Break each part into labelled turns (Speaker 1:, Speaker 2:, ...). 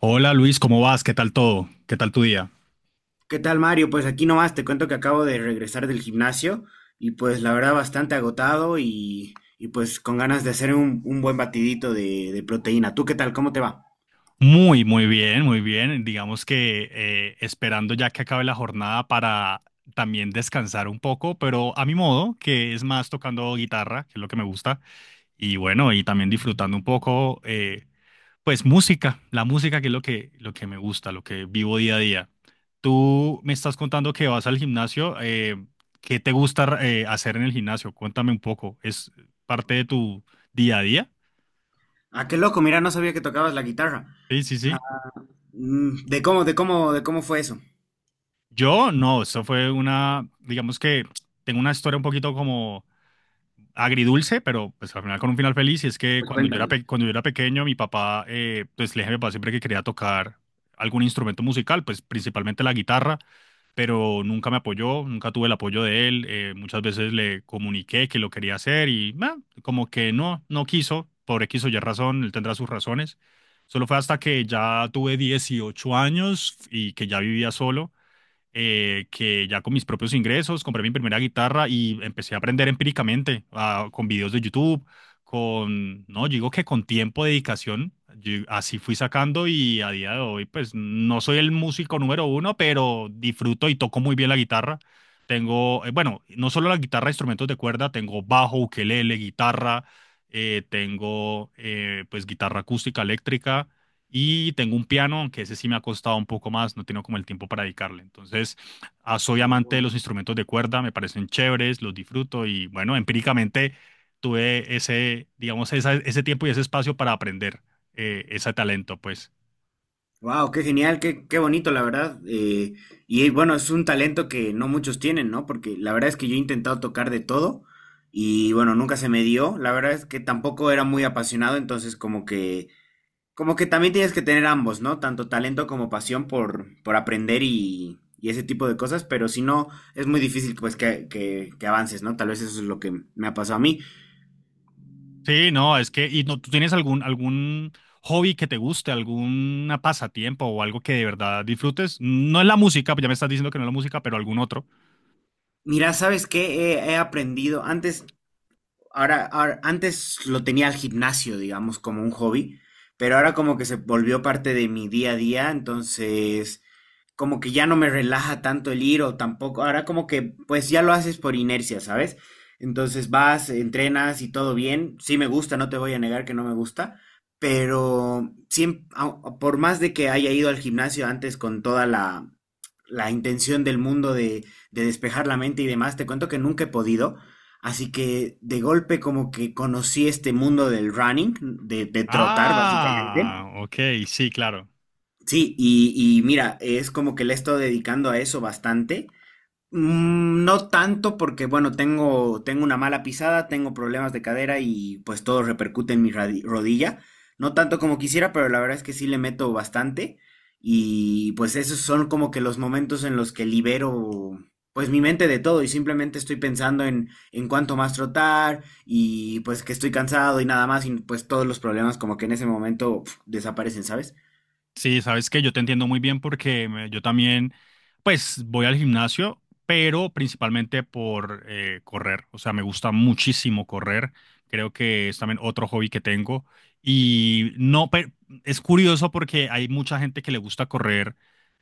Speaker 1: Hola Luis, ¿cómo vas? ¿Qué tal todo? ¿Qué tal tu día?
Speaker 2: ¿Qué tal, Mario? Pues aquí nomás te cuento que acabo de regresar del gimnasio y pues la verdad bastante agotado pues con ganas de hacer un buen batidito de proteína. ¿Tú qué tal? ¿Cómo te va?
Speaker 1: Muy bien, muy bien. Digamos que esperando ya que acabe la jornada para también descansar un poco, pero a mi modo, que es más tocando guitarra, que es lo que me gusta, y bueno, y también disfrutando un poco, pues música, la música que es lo que me gusta, lo que vivo día a día. Tú me estás contando que vas al gimnasio, ¿qué te gusta hacer en el gimnasio? Cuéntame un poco, ¿es parte de tu día a día?
Speaker 2: Ah, qué loco, mira, no sabía que tocabas la guitarra.
Speaker 1: Sí, sí, sí.
Speaker 2: Mm, ¿De cómo fue eso?
Speaker 1: Yo no, eso fue una, digamos que tengo una historia un poquito como agridulce, pero pues al final con un final feliz. Y es que
Speaker 2: Pues cuéntamela.
Speaker 1: cuando yo era pequeño, mi papá, pues le dije a mi papá siempre que quería tocar algún instrumento musical, pues principalmente la guitarra, pero nunca me apoyó, nunca tuve el apoyo de él. Muchas veces le comuniqué que lo quería hacer y como que no, no quiso, por X o Y razón, él tendrá sus razones. Solo fue hasta que ya tuve 18 años y que ya vivía solo, que ya con mis propios ingresos compré mi primera guitarra y empecé a aprender empíricamente, con videos de YouTube, con, no, yo digo que con tiempo, dedicación, yo así fui sacando y a día de hoy pues no soy el músico número uno, pero disfruto y toco muy bien la guitarra. Tengo, bueno, no solo la guitarra, instrumentos de cuerda, tengo bajo, ukelele, guitarra, tengo pues guitarra acústica, eléctrica y tengo un piano, que ese sí me ha costado un poco más, no tengo como el tiempo para dedicarle. Entonces, soy amante de
Speaker 2: Oh.
Speaker 1: los instrumentos de cuerda, me parecen chéveres, los disfruto y bueno, empíricamente tuve ese tiempo y ese espacio para aprender ese talento, pues.
Speaker 2: Wow, qué genial, qué bonito, la verdad. Y bueno, es un talento que no muchos tienen, ¿no? Porque la verdad es que yo he intentado tocar de todo y bueno, nunca se me dio. La verdad es que tampoco era muy apasionado, entonces como que también tienes que tener ambos, ¿no? Tanto talento como pasión por aprender y ese tipo de cosas, pero si no, es muy difícil pues que avances, ¿no? Tal vez eso es lo que me ha pasado a mí.
Speaker 1: Sí, no, es que, y no, ¿tú tienes algún hobby que te guste, alguna pasatiempo o algo que de verdad disfrutes? No es la música, pues ya me estás diciendo que no es la música, pero algún otro.
Speaker 2: Mira, ¿sabes qué? He aprendido antes. Antes lo tenía al gimnasio, digamos, como un hobby, pero ahora como que se volvió parte de mi día a día, entonces como que ya no me relaja tanto el ir o tampoco, ahora como que pues ya lo haces por inercia, ¿sabes? Entonces vas, entrenas y todo bien, sí me gusta, no te voy a negar que no me gusta, pero por más de que haya ido al gimnasio antes con toda la intención del mundo de despejar la mente y demás, te cuento que nunca he podido. Así que de golpe como que conocí este mundo del running, de trotar básicamente.
Speaker 1: Ah, ok, sí, claro.
Speaker 2: Sí, y mira, es como que le he estado dedicando a eso bastante. Mm, no tanto porque, bueno, tengo una mala pisada, tengo problemas de cadera y pues todo repercute en mi rodilla. No tanto como quisiera, pero la verdad es que sí le meto bastante. Y pues esos son como que los momentos en los que libero pues mi mente de todo y simplemente estoy pensando en cuánto más trotar y pues que estoy cansado y nada más y pues todos los problemas como que en ese momento pf, desaparecen, ¿sabes?
Speaker 1: Sí, sabes que yo te entiendo muy bien yo también, pues, voy al gimnasio, pero principalmente por correr. O sea, me gusta muchísimo correr. Creo que es también otro hobby que tengo. Y no, pe- Es curioso porque hay mucha gente que le gusta correr,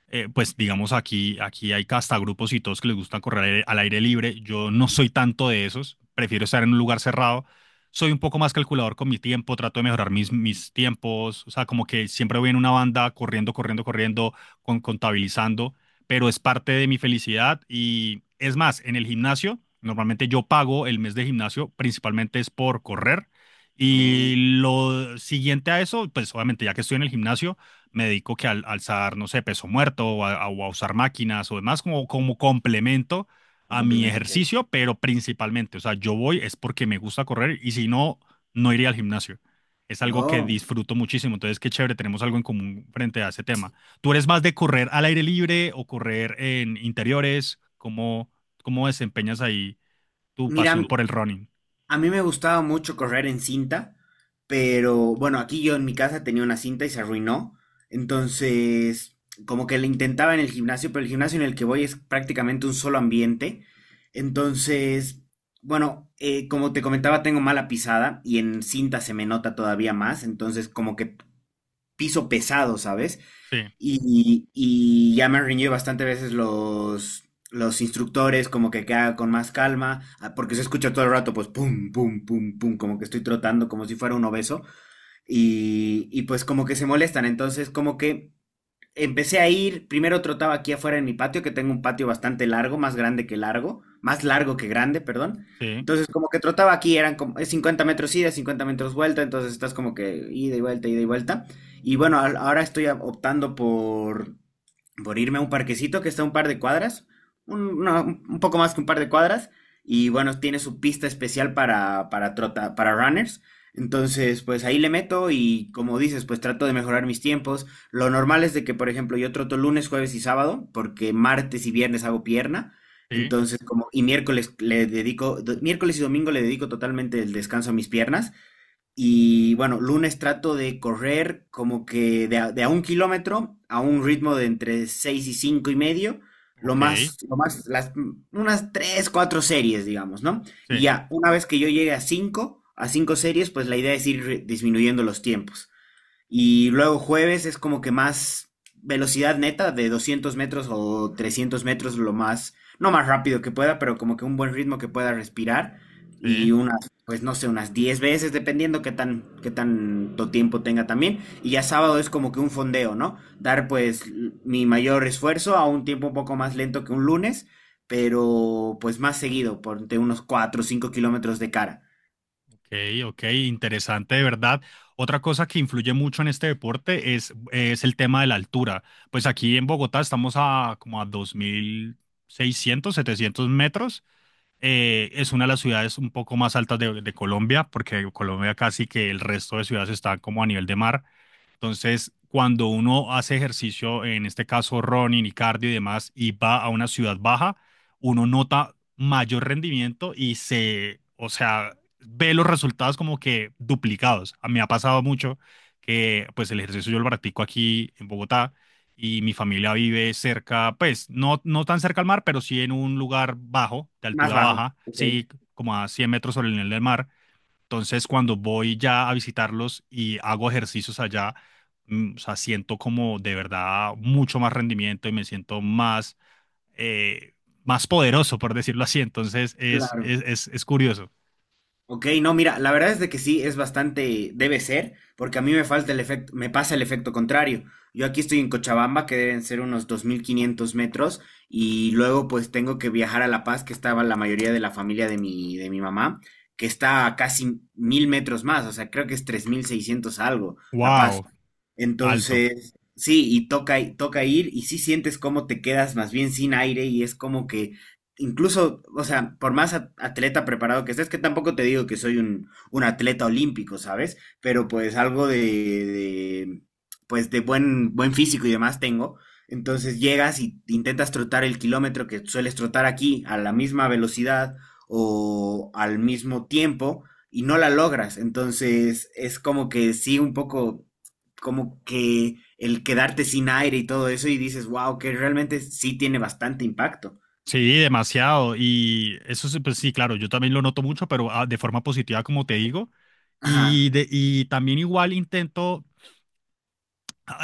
Speaker 1: pues digamos aquí hay hasta grupos y todos que les gusta correr al aire libre. Yo no soy tanto de esos, prefiero estar en un lugar cerrado. Soy un poco más calculador con mi tiempo, trato de mejorar mis tiempos, o sea, como que siempre voy en una banda corriendo, corriendo, corriendo, contabilizando, pero es parte de mi felicidad y es más, en el gimnasio, normalmente yo pago el mes de gimnasio, principalmente es por correr. Y
Speaker 2: No,
Speaker 1: lo siguiente a eso, pues obviamente ya que estoy en el gimnasio, me dedico que al alzar, no sé, peso muerto o a usar máquinas o demás como, como complemento
Speaker 2: un
Speaker 1: a mi
Speaker 2: complemento que hay.
Speaker 1: ejercicio, pero principalmente, o sea, yo voy es porque me gusta correr y si no, no iría al gimnasio. Es algo que
Speaker 2: No.
Speaker 1: disfruto muchísimo, entonces qué chévere, tenemos algo en común frente a ese tema. ¿Tú eres más de correr al aire libre o correr en interiores? ¿Cómo, cómo desempeñas ahí tu
Speaker 2: Mira,
Speaker 1: pasión por el running?
Speaker 2: a mí me gustaba mucho correr en cinta, pero bueno, aquí yo en mi casa tenía una cinta y se arruinó. Entonces, como que le intentaba en el gimnasio, pero el gimnasio en el que voy es prácticamente un solo ambiente. Entonces, bueno, como te comentaba, tengo mala pisada y en cinta se me nota todavía más. Entonces, como que piso pesado, ¿sabes?
Speaker 1: Sí,
Speaker 2: Y ya me han reñido bastante veces los instructores, como que queda con más calma, ah, porque se escucha todo el rato, pues pum, pum, pum, pum, como que estoy trotando, como si fuera un obeso, y pues como que se molestan, entonces como que empecé a ir, primero trotaba aquí afuera en mi patio, que tengo un patio bastante largo, más grande que largo, más largo que grande, perdón.
Speaker 1: sí,
Speaker 2: Entonces, como que trotaba aquí, eran como es 50 metros ida, 50 metros vuelta, entonces estás como que ida y vuelta, ida y vuelta. Y bueno, ahora estoy optando por irme a un parquecito que está a un par de cuadras, un, no, un poco más que un par de cuadras, y bueno, tiene su pista especial para runners. Entonces, pues ahí le meto y como dices, pues trato de mejorar mis tiempos. Lo normal es de que, por ejemplo, yo troto lunes, jueves y sábado, porque martes y viernes hago pierna.
Speaker 1: sí,
Speaker 2: Entonces, como, y miércoles le dedico, miércoles y domingo le dedico totalmente el descanso a mis piernas. Y bueno, lunes trato de correr como que de a un kilómetro a un ritmo de entre 6 y cinco y medio. Lo
Speaker 1: ok,
Speaker 2: más, lo más, las, unas tres, cuatro series, digamos, ¿no? Y
Speaker 1: sí,
Speaker 2: ya, una vez que yo llegue a cinco series, pues la idea es ir disminuyendo los tiempos. Y luego jueves es como que más velocidad neta de 200 metros o 300 metros, no más rápido que pueda, pero como que un buen ritmo que pueda respirar. Y
Speaker 1: sí.
Speaker 2: unas, pues no sé, unas 10 veces, dependiendo qué tan, qué tanto tiempo tenga también. Y ya sábado es como que un fondeo, ¿no? Dar pues mi mayor esfuerzo a un tiempo un poco más lento que un lunes, pero pues más seguido, por entre unos 4 o 5 kilómetros de cara.
Speaker 1: Ok, ok, interesante de verdad. Otra cosa que influye mucho en este deporte es el tema de la altura. Pues aquí en Bogotá estamos a como a 2600, 2700 metros. Es una de las ciudades un poco más altas de Colombia, porque Colombia casi que el resto de ciudades están como a nivel de mar. Entonces, cuando uno hace ejercicio, en este caso running y cardio y demás, y va a una ciudad baja, uno nota mayor rendimiento y se, o sea, ve los resultados como que duplicados. A mí me ha pasado mucho que pues el ejercicio yo lo practico aquí en Bogotá y mi familia vive cerca, pues no, no tan cerca al mar, pero sí en un lugar bajo, de
Speaker 2: Más
Speaker 1: altura
Speaker 2: bajo.
Speaker 1: baja,
Speaker 2: Ok.
Speaker 1: sí, como a 100 metros sobre el nivel del mar. Entonces, cuando voy ya a visitarlos y hago ejercicios allá, mm, o sea, siento como de verdad mucho más rendimiento y me siento más, eh, más poderoso, por decirlo así. Entonces,
Speaker 2: Claro.
Speaker 1: es curioso.
Speaker 2: Ok, no, mira, la verdad es de que sí, es bastante, debe ser, porque a mí me falta el efecto, me pasa el efecto contrario. Yo aquí estoy en Cochabamba, que deben ser unos 2500 metros, y luego pues tengo que viajar a La Paz, que estaba la mayoría de la familia de mi mamá, que está a casi 1.000 metros más, o sea, creo que es 3600 algo, La Paz.
Speaker 1: Wow, alto.
Speaker 2: Entonces, sí, y toca, toca ir, y sí sientes cómo te quedas más bien sin aire, y es como que incluso, o sea, por más atleta preparado que estés, que tampoco te digo que soy un atleta olímpico, ¿sabes? Pero pues algo pues de buen, buen físico y demás tengo. Entonces llegas y intentas trotar el kilómetro que sueles trotar aquí a la misma velocidad o al mismo tiempo y no la logras. Entonces es como que sí, un poco como que el quedarte sin aire y todo eso y dices, wow, que realmente sí tiene bastante impacto.
Speaker 1: Sí, demasiado. Y eso, sí, pues sí, claro, yo también lo noto mucho, pero de forma positiva, como te digo.
Speaker 2: Ajá.
Speaker 1: Y también igual intento,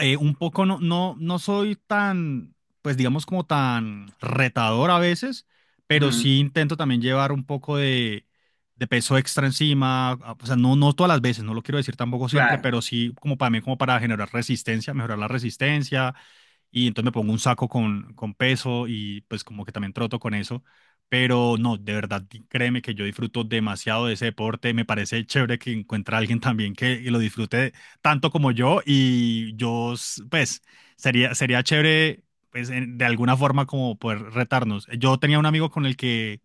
Speaker 1: un poco no, no, no soy tan, pues digamos como tan retador a veces, pero
Speaker 2: Ujú,
Speaker 1: sí intento también llevar un poco de peso extra encima, o sea, no, no todas las veces, no lo quiero decir tampoco siempre,
Speaker 2: claro.
Speaker 1: pero sí como para mí, como para generar resistencia, mejorar la resistencia, y entonces me pongo un saco con peso y pues como que también troto con eso. Pero no, de verdad, créeme que yo disfruto demasiado de ese deporte. Me parece chévere que encuentre a alguien también que lo disfrute tanto como yo. Pues, sería chévere, pues, de alguna forma como poder retarnos. Yo tenía un amigo con el que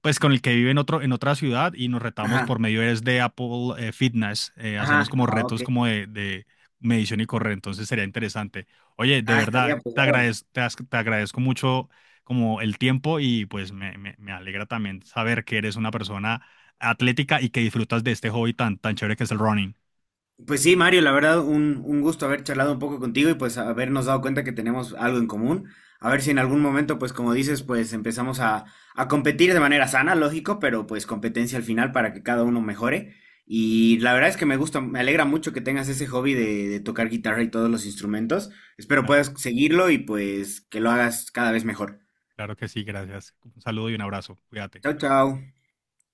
Speaker 1: pues con el que vive en otra ciudad y nos retamos por
Speaker 2: Ajá,
Speaker 1: medio es de Apple Fitness. Hacíamos
Speaker 2: ajá,
Speaker 1: como
Speaker 2: ah, ok.
Speaker 1: retos como de medición y correr, entonces sería interesante. Oye, de
Speaker 2: Ah, estaría
Speaker 1: verdad,
Speaker 2: pues bárbaro.
Speaker 1: te agradezco mucho como el tiempo y pues me alegra también saber que eres una persona atlética y que disfrutas de este hobby tan, tan chévere que es el running.
Speaker 2: Pues sí, Mario, la verdad, un gusto haber charlado un poco contigo y pues habernos dado cuenta que tenemos algo en común. A ver si en algún momento, pues como dices, pues empezamos a competir de manera sana, lógico, pero pues competencia al final para que cada uno mejore. Y la verdad es que me gusta, me alegra mucho que tengas ese hobby de tocar guitarra y todos los instrumentos. Espero
Speaker 1: Claro,
Speaker 2: puedas seguirlo y pues que lo hagas cada vez mejor.
Speaker 1: claro que sí, gracias. Un saludo y un abrazo. Cuídate.
Speaker 2: Chao, chao.